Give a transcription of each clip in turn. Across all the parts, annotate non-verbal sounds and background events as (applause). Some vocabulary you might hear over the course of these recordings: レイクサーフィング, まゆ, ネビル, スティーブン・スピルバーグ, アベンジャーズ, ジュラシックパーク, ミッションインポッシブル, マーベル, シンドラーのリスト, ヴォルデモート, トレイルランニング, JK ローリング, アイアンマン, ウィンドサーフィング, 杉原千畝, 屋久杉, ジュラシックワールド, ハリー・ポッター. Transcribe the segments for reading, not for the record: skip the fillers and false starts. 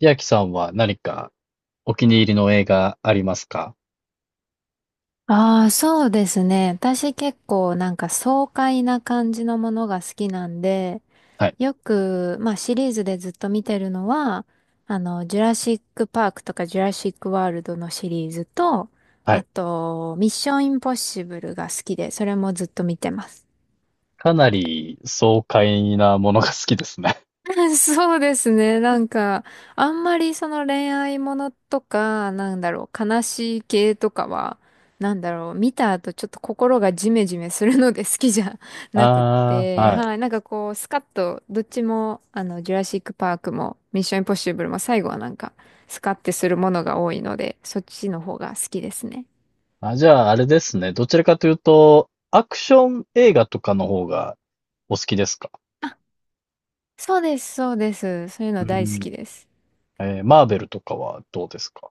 千秋さんは何かお気に入りの映画ありますか？ああ、そうですね。私結構なんか爽快な感じのものが好きなんで、はい。よく、まあシリーズでずっと見てるのは、ジュラシックパークとかジュラシックワールドのシリーズと、はあい。と、ミッションインポッシブルが好きで、それもずっと見てます。かなり爽快なものが好きですね。(laughs) (laughs) そうですね。なんか、あんまりその恋愛ものとか、なんだろう、悲しい系とかは、なんだろう、見た後ちょっと心がジメジメするので好きじゃ (laughs) なくっああ、て、はい。はい。なんかこう、スカッと、どっちも、ジュラシックパークも、ミッションインポッシブルも最後はなんか、スカッてするものが多いので、そっちの方が好きですね。あ、じゃあ、あれですね。どちらかというと、アクション映画とかの方がお好きですか？あ、そうです、そうです。そういううの大好ん。きです。えーマーベルとかはどうですか？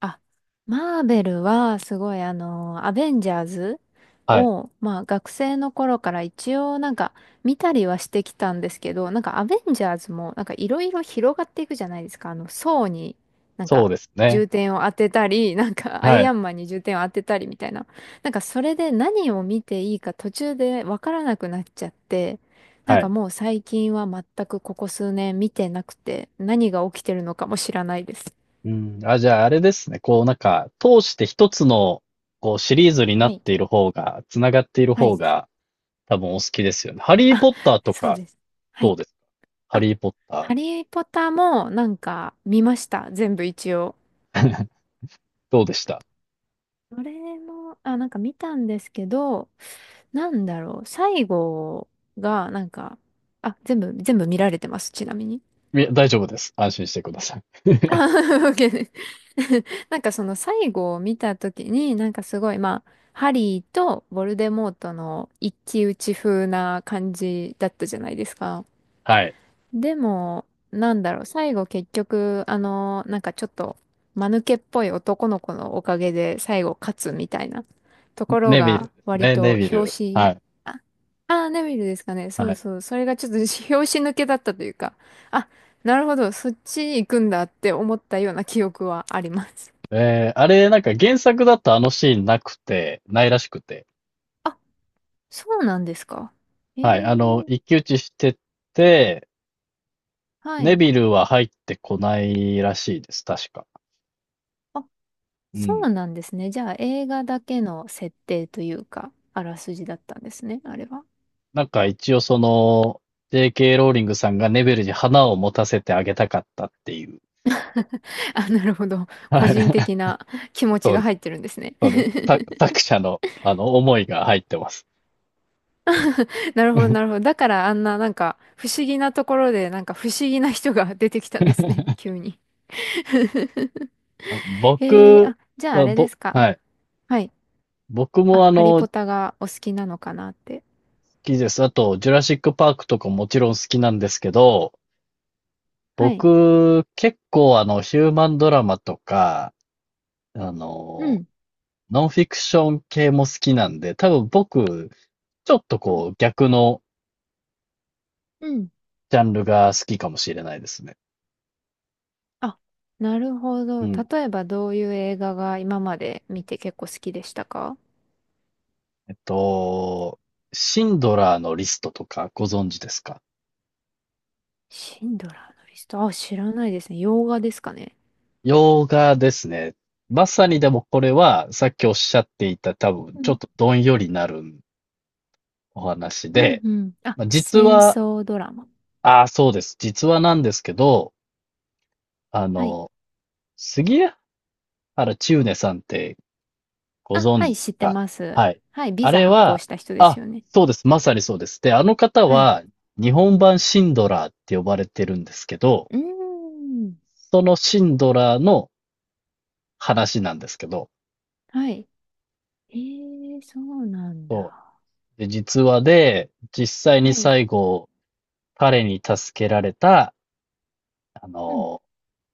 あ、マーベルはすごいアベンジャーズはい。を、まあ学生の頃から一応なんか見たりはしてきたんですけど、なんかアベンジャーズもなんかいろいろ広がっていくじゃないですか。層になんそうかですね。重点を当てたり、なんかアはイい。アンマンに重点を当てたりみたいな。なんかそれで何を見ていいか途中でわからなくなっちゃって、なんはかい。もう最近は全くここ数年見てなくて、何が起きてるのかも知らないです。うん。あ、じゃあ、あれですね。こう、なんか、通して一つの、こう、シリーズになはっい。ている方が、つながっているは方い、が、多分お好きですよね。ハリー・あ、ポッターとそうかです。はどうい。ですか？ハあ、リーポッタハリー・ポッターもなんか見ました。全部一応。ー。(laughs) どうでした？それも、あ、なんか見たんですけど、なんだろう。最後が、なんか、あ、全部見られてます。ちなみに。いや、大丈夫です。安心してください。あ、(laughs) OK です。(laughs) なんかその最後を見たときに、なんかすごい、まあ、ハリーとヴォルデモートの一騎打ち風な感じだったじゃないですか。はい。でも、なんだろう、最後結局、なんかちょっと、間抜けっぽい男の子のおかげで最後勝つみたいなところネビルがです割ね。ネとビ表ル。紙、はい。あ、ネビルですかね。そはうい。そう。それがちょっと (laughs) 表紙抜けだったというか、あ、なるほど、そっち行くんだって思ったような記憶はあります。えー、あれ、なんか原作だとあのシーンなくて、ないらしくて。あ、そうなんですか。えはい。あの、ー、一騎打ちしてて、はネい。ビルは入ってこないらしいです。確か。あ、うそん。うなんですね。じゃあ映画だけの設定というか、あらすじだったんですね、あれは。なんか一応その、JK ローリングさんがネビルに花を持たせてあげたかったっていう。(laughs) あ、なるほど。個はい。人 (laughs) 的な気持ちそうでがす。入ってるんですね。その、(laughs) 作者の、あの、思いが入ってます。なるほど、なるほど。だからあんななんか不思議なところでなんか不思議な人が出てきたんですね。(laughs) (laughs) 急に。(laughs) あ僕あ、じゃああは、れでぼ、すか。はい。はい。僕あ、もあハリの、好ポタがお好きなのかなって。きです。あと、ジュラシックパークとかもちろん好きなんですけど、はい。僕、結構あの、ヒューマンドラマとか、あうの、ん。ノンフィクション系も好きなんで、多分僕、ちょっとうん。こう、逆のうん。ジャンルが好きかもしれないですね。あ、なるほうど。ん。例えばどういう映画が今まで見て結構好きでしたか？えっと、シンドラーのリストとかご存知ですか？シンドラーのリスト。あ、知らないですね。洋画ですかね。洋画ですね。まさにでもこれは、さっきおっしゃっていた多分、ちょっとどんよりなるお話うんで、うん。あ、まあ、実戦は、争ドラマ。ああ、そうです。実はなんですけど、あはい。の、杉原千畝さんってごあ、存は知い、です知ってか？ます。はい。はい、ビあザれ発行は、した人ですあ、よね。そうです。まさにそうです。で、あの方はい。は、日本版シンドラーって呼ばれてるんですけど、うーん。そのシンドラーの話なんですけど、はい。えー、そうなんそだ。う。で、実話で、実際はにい。最後、彼に助けられた、あうん。の、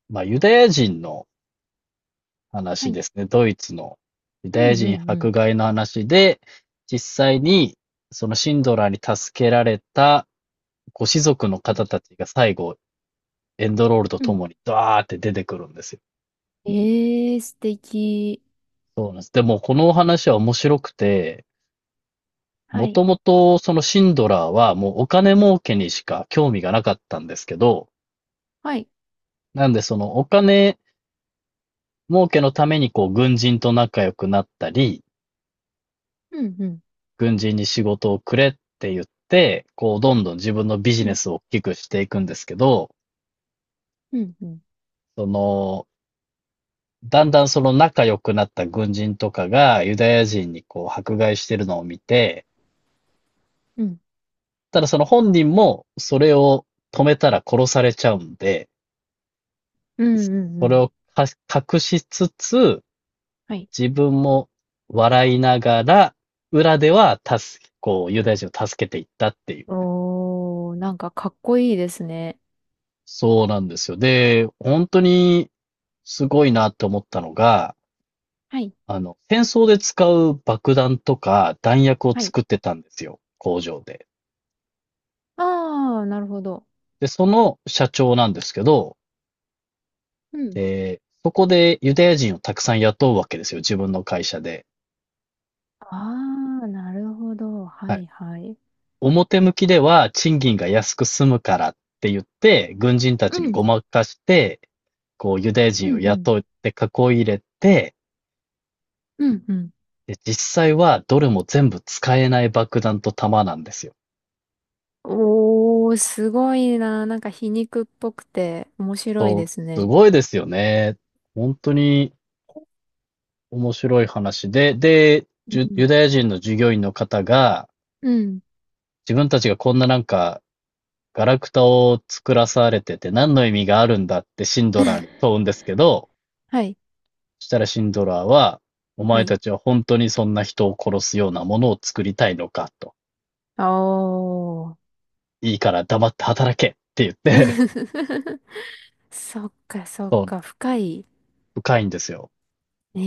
まあ、ユダヤ人のは話い。ですね。ドイツのユうダヤんう人んう迫ん。害の話で、実際にそのシンドラーに助けられたご子族のうん方たちが最後、エンドロールとうとん、もにドワーって出てくるんですよ。えー、素敵。そうなんです。でも、このお話は面白くて、はもい。ともとそのシンドラーはもうお金儲けにしか興味がなかったんですけど、はい。なんでそのお金儲けのためにこう軍人と仲良くなったり、うんうん軍人に仕事をくれって言って、こう、どんどん自分のビジうネん。スを大きくしていくんですけど、うんうんその、だんだんその仲良くなった軍人とかがユダヤ人にこう迫害してるのを見て、うん。ただその本人もそれを止めたら殺されちゃうんで、うんうんうそれん。を隠しつつ、はい。自分も笑いながら、裏では助け、こう、ユダヤ人を助けていったっていう。おー、なんかかっこいいですね。そうなんですよ。で、本当にすごいなって思ったのが、はい。あの、戦争で使う爆弾とか弾薬をはい。作ってたんですよ、工場で。あー、なるほど。で、その社長なんですけど、うん、で、そこでユダヤ人をたくさん雇うわけですよ、自分の会社で。ああ、なるほど。ははい。いはい。表向きでは賃金が安く済むからって言って、軍人たうちにん、ごまかして、こう、ユダヤ人うをん、うん、雇って囲い入れて、うん、うん。で、実際はどれも全部使えない爆弾と弾なんですよ。おー、すごいな。なんか皮肉っぽくて面白いそう、ですすね。ごいですよね。本当に面白い話で、で、うジュユん。ダヤ人の従業員の方が、うん。自分たちがこんななんか、ガラクタを作らされてて何の意味があるんだってシンドラーに (laughs) 問うんですけど、はい、そしたらシンドラーは、おは前い。たちは本当にそんな人を殺すようなものを作りたいのかと。おー。いいから黙って働けって言って、(laughs) そっか、そ (laughs) っそう、か、深い。深いんですよ。え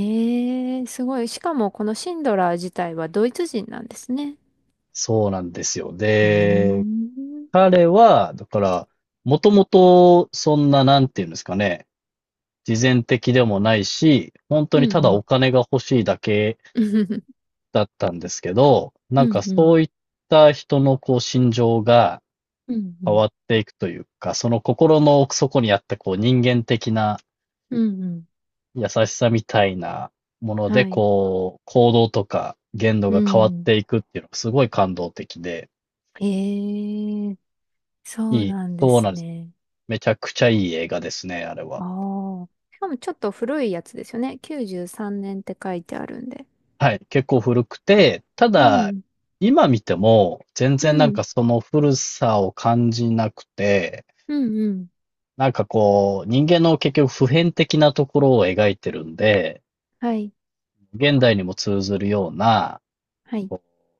えー、すごい。しかも、このシンドラー自体はドイツ人なんですね。そうなんですよ。うーで、ん。彼は、だから、もともと、そんな、なんていうんですかね、慈善的でもないし、本当うにたんだうん。お金が欲しいだけ (laughs) だったんですけど、なうんかんうん。そういった人のこう心情がうんう変ん。わっていくというか、その心の奥底にあったこう人間的なうんうん。優しさみたいなもので、はい。こう、行動とか言動うが変わっん。ていくっていうのがすごい感動的で、ええ、いそうい、なんでそうすなんです。ね。めちゃくちゃいい映画ですね、あれは。ああ。しかもちょっと古いやつですよね。93年って書いてあるんで。はい、結構古くて、たうだ、ん、今見ても、全う然なんん、かその古さを感じなくて、うん、うん。なんかこう、人間の結局普遍的なところを描いてるんで、はい、現代にも通ずるようなはい。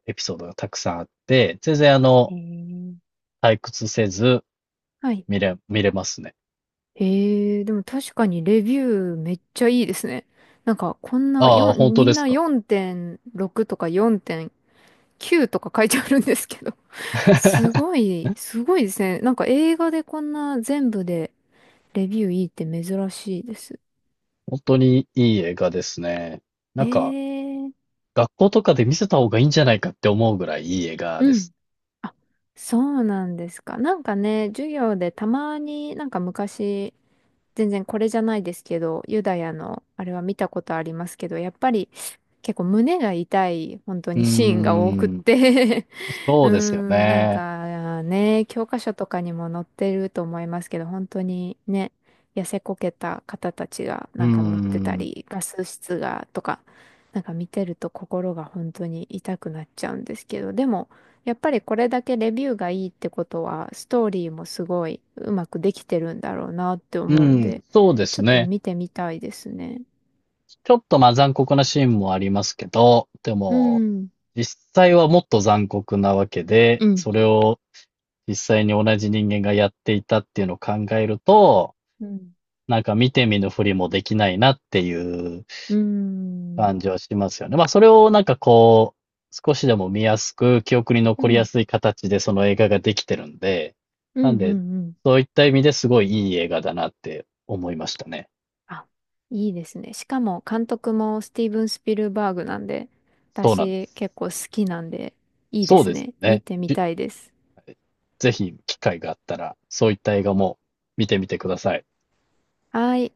エピソードがたくさんあって、全然あえの、え、退屈せずはい。見れますね。ええ、でも確かにレビューめっちゃいいですね。なんかこんなああ、本4、当みでんすなか。4.6とか4.9とか書いてあるんですけど。すご (laughs) い、すごいですね。なんか映画でこんな全部でレビューいいって珍しいです。本当にいい映画ですね。なんか、ええ、学校とかで見せた方がいいんじゃないかって思うぐらいいい映画でうん。す。あ、そうなんですか。なんかね、授業でたまになんか昔、全然これじゃないですけど、ユダヤのあれは見たことありますけど、やっぱり結構胸が痛い本当うーにシーンが多くっん。て (laughs) そうーうですよん、なんね。かね、教科書とかにも載ってると思いますけど、本当にね、痩せこけた方たちがうーなんか乗ってたん。り、ガス室がとか、なんか見てると心が本当に痛くなっちゃうんですけど、でも、やっぱりこれだけレビューがいいってことは、ストーリーもすごいうまくできてるんだろうなってう思うんん、で、そうでちすょっとね。見てみたいですね。ちょっとまあ残酷なシーンもありますけど、でうも、ん、実際はもっと残酷なわけで、うん、それを実際に同じ人間がやっていたっていうのを考えると、うん。なんか見て見ぬふりもできないなっていううん、感じはしますよね。まあ、それをなんかこう、少しでも見やすく、記憶にう残りやん、すい形でその映画ができてるんで、うなん、んうで、ん、うん。そういった意味ですごいいい映画だなって思いましたね。あ、いいですね。しかも監督もスティーブン・スピルバーグなんで、そうなんで私す。結構好きなんで、いいでそうすですよね。見ね。てみたいです。ぜひ機会があったら、そういった映画も見てみてください。はい。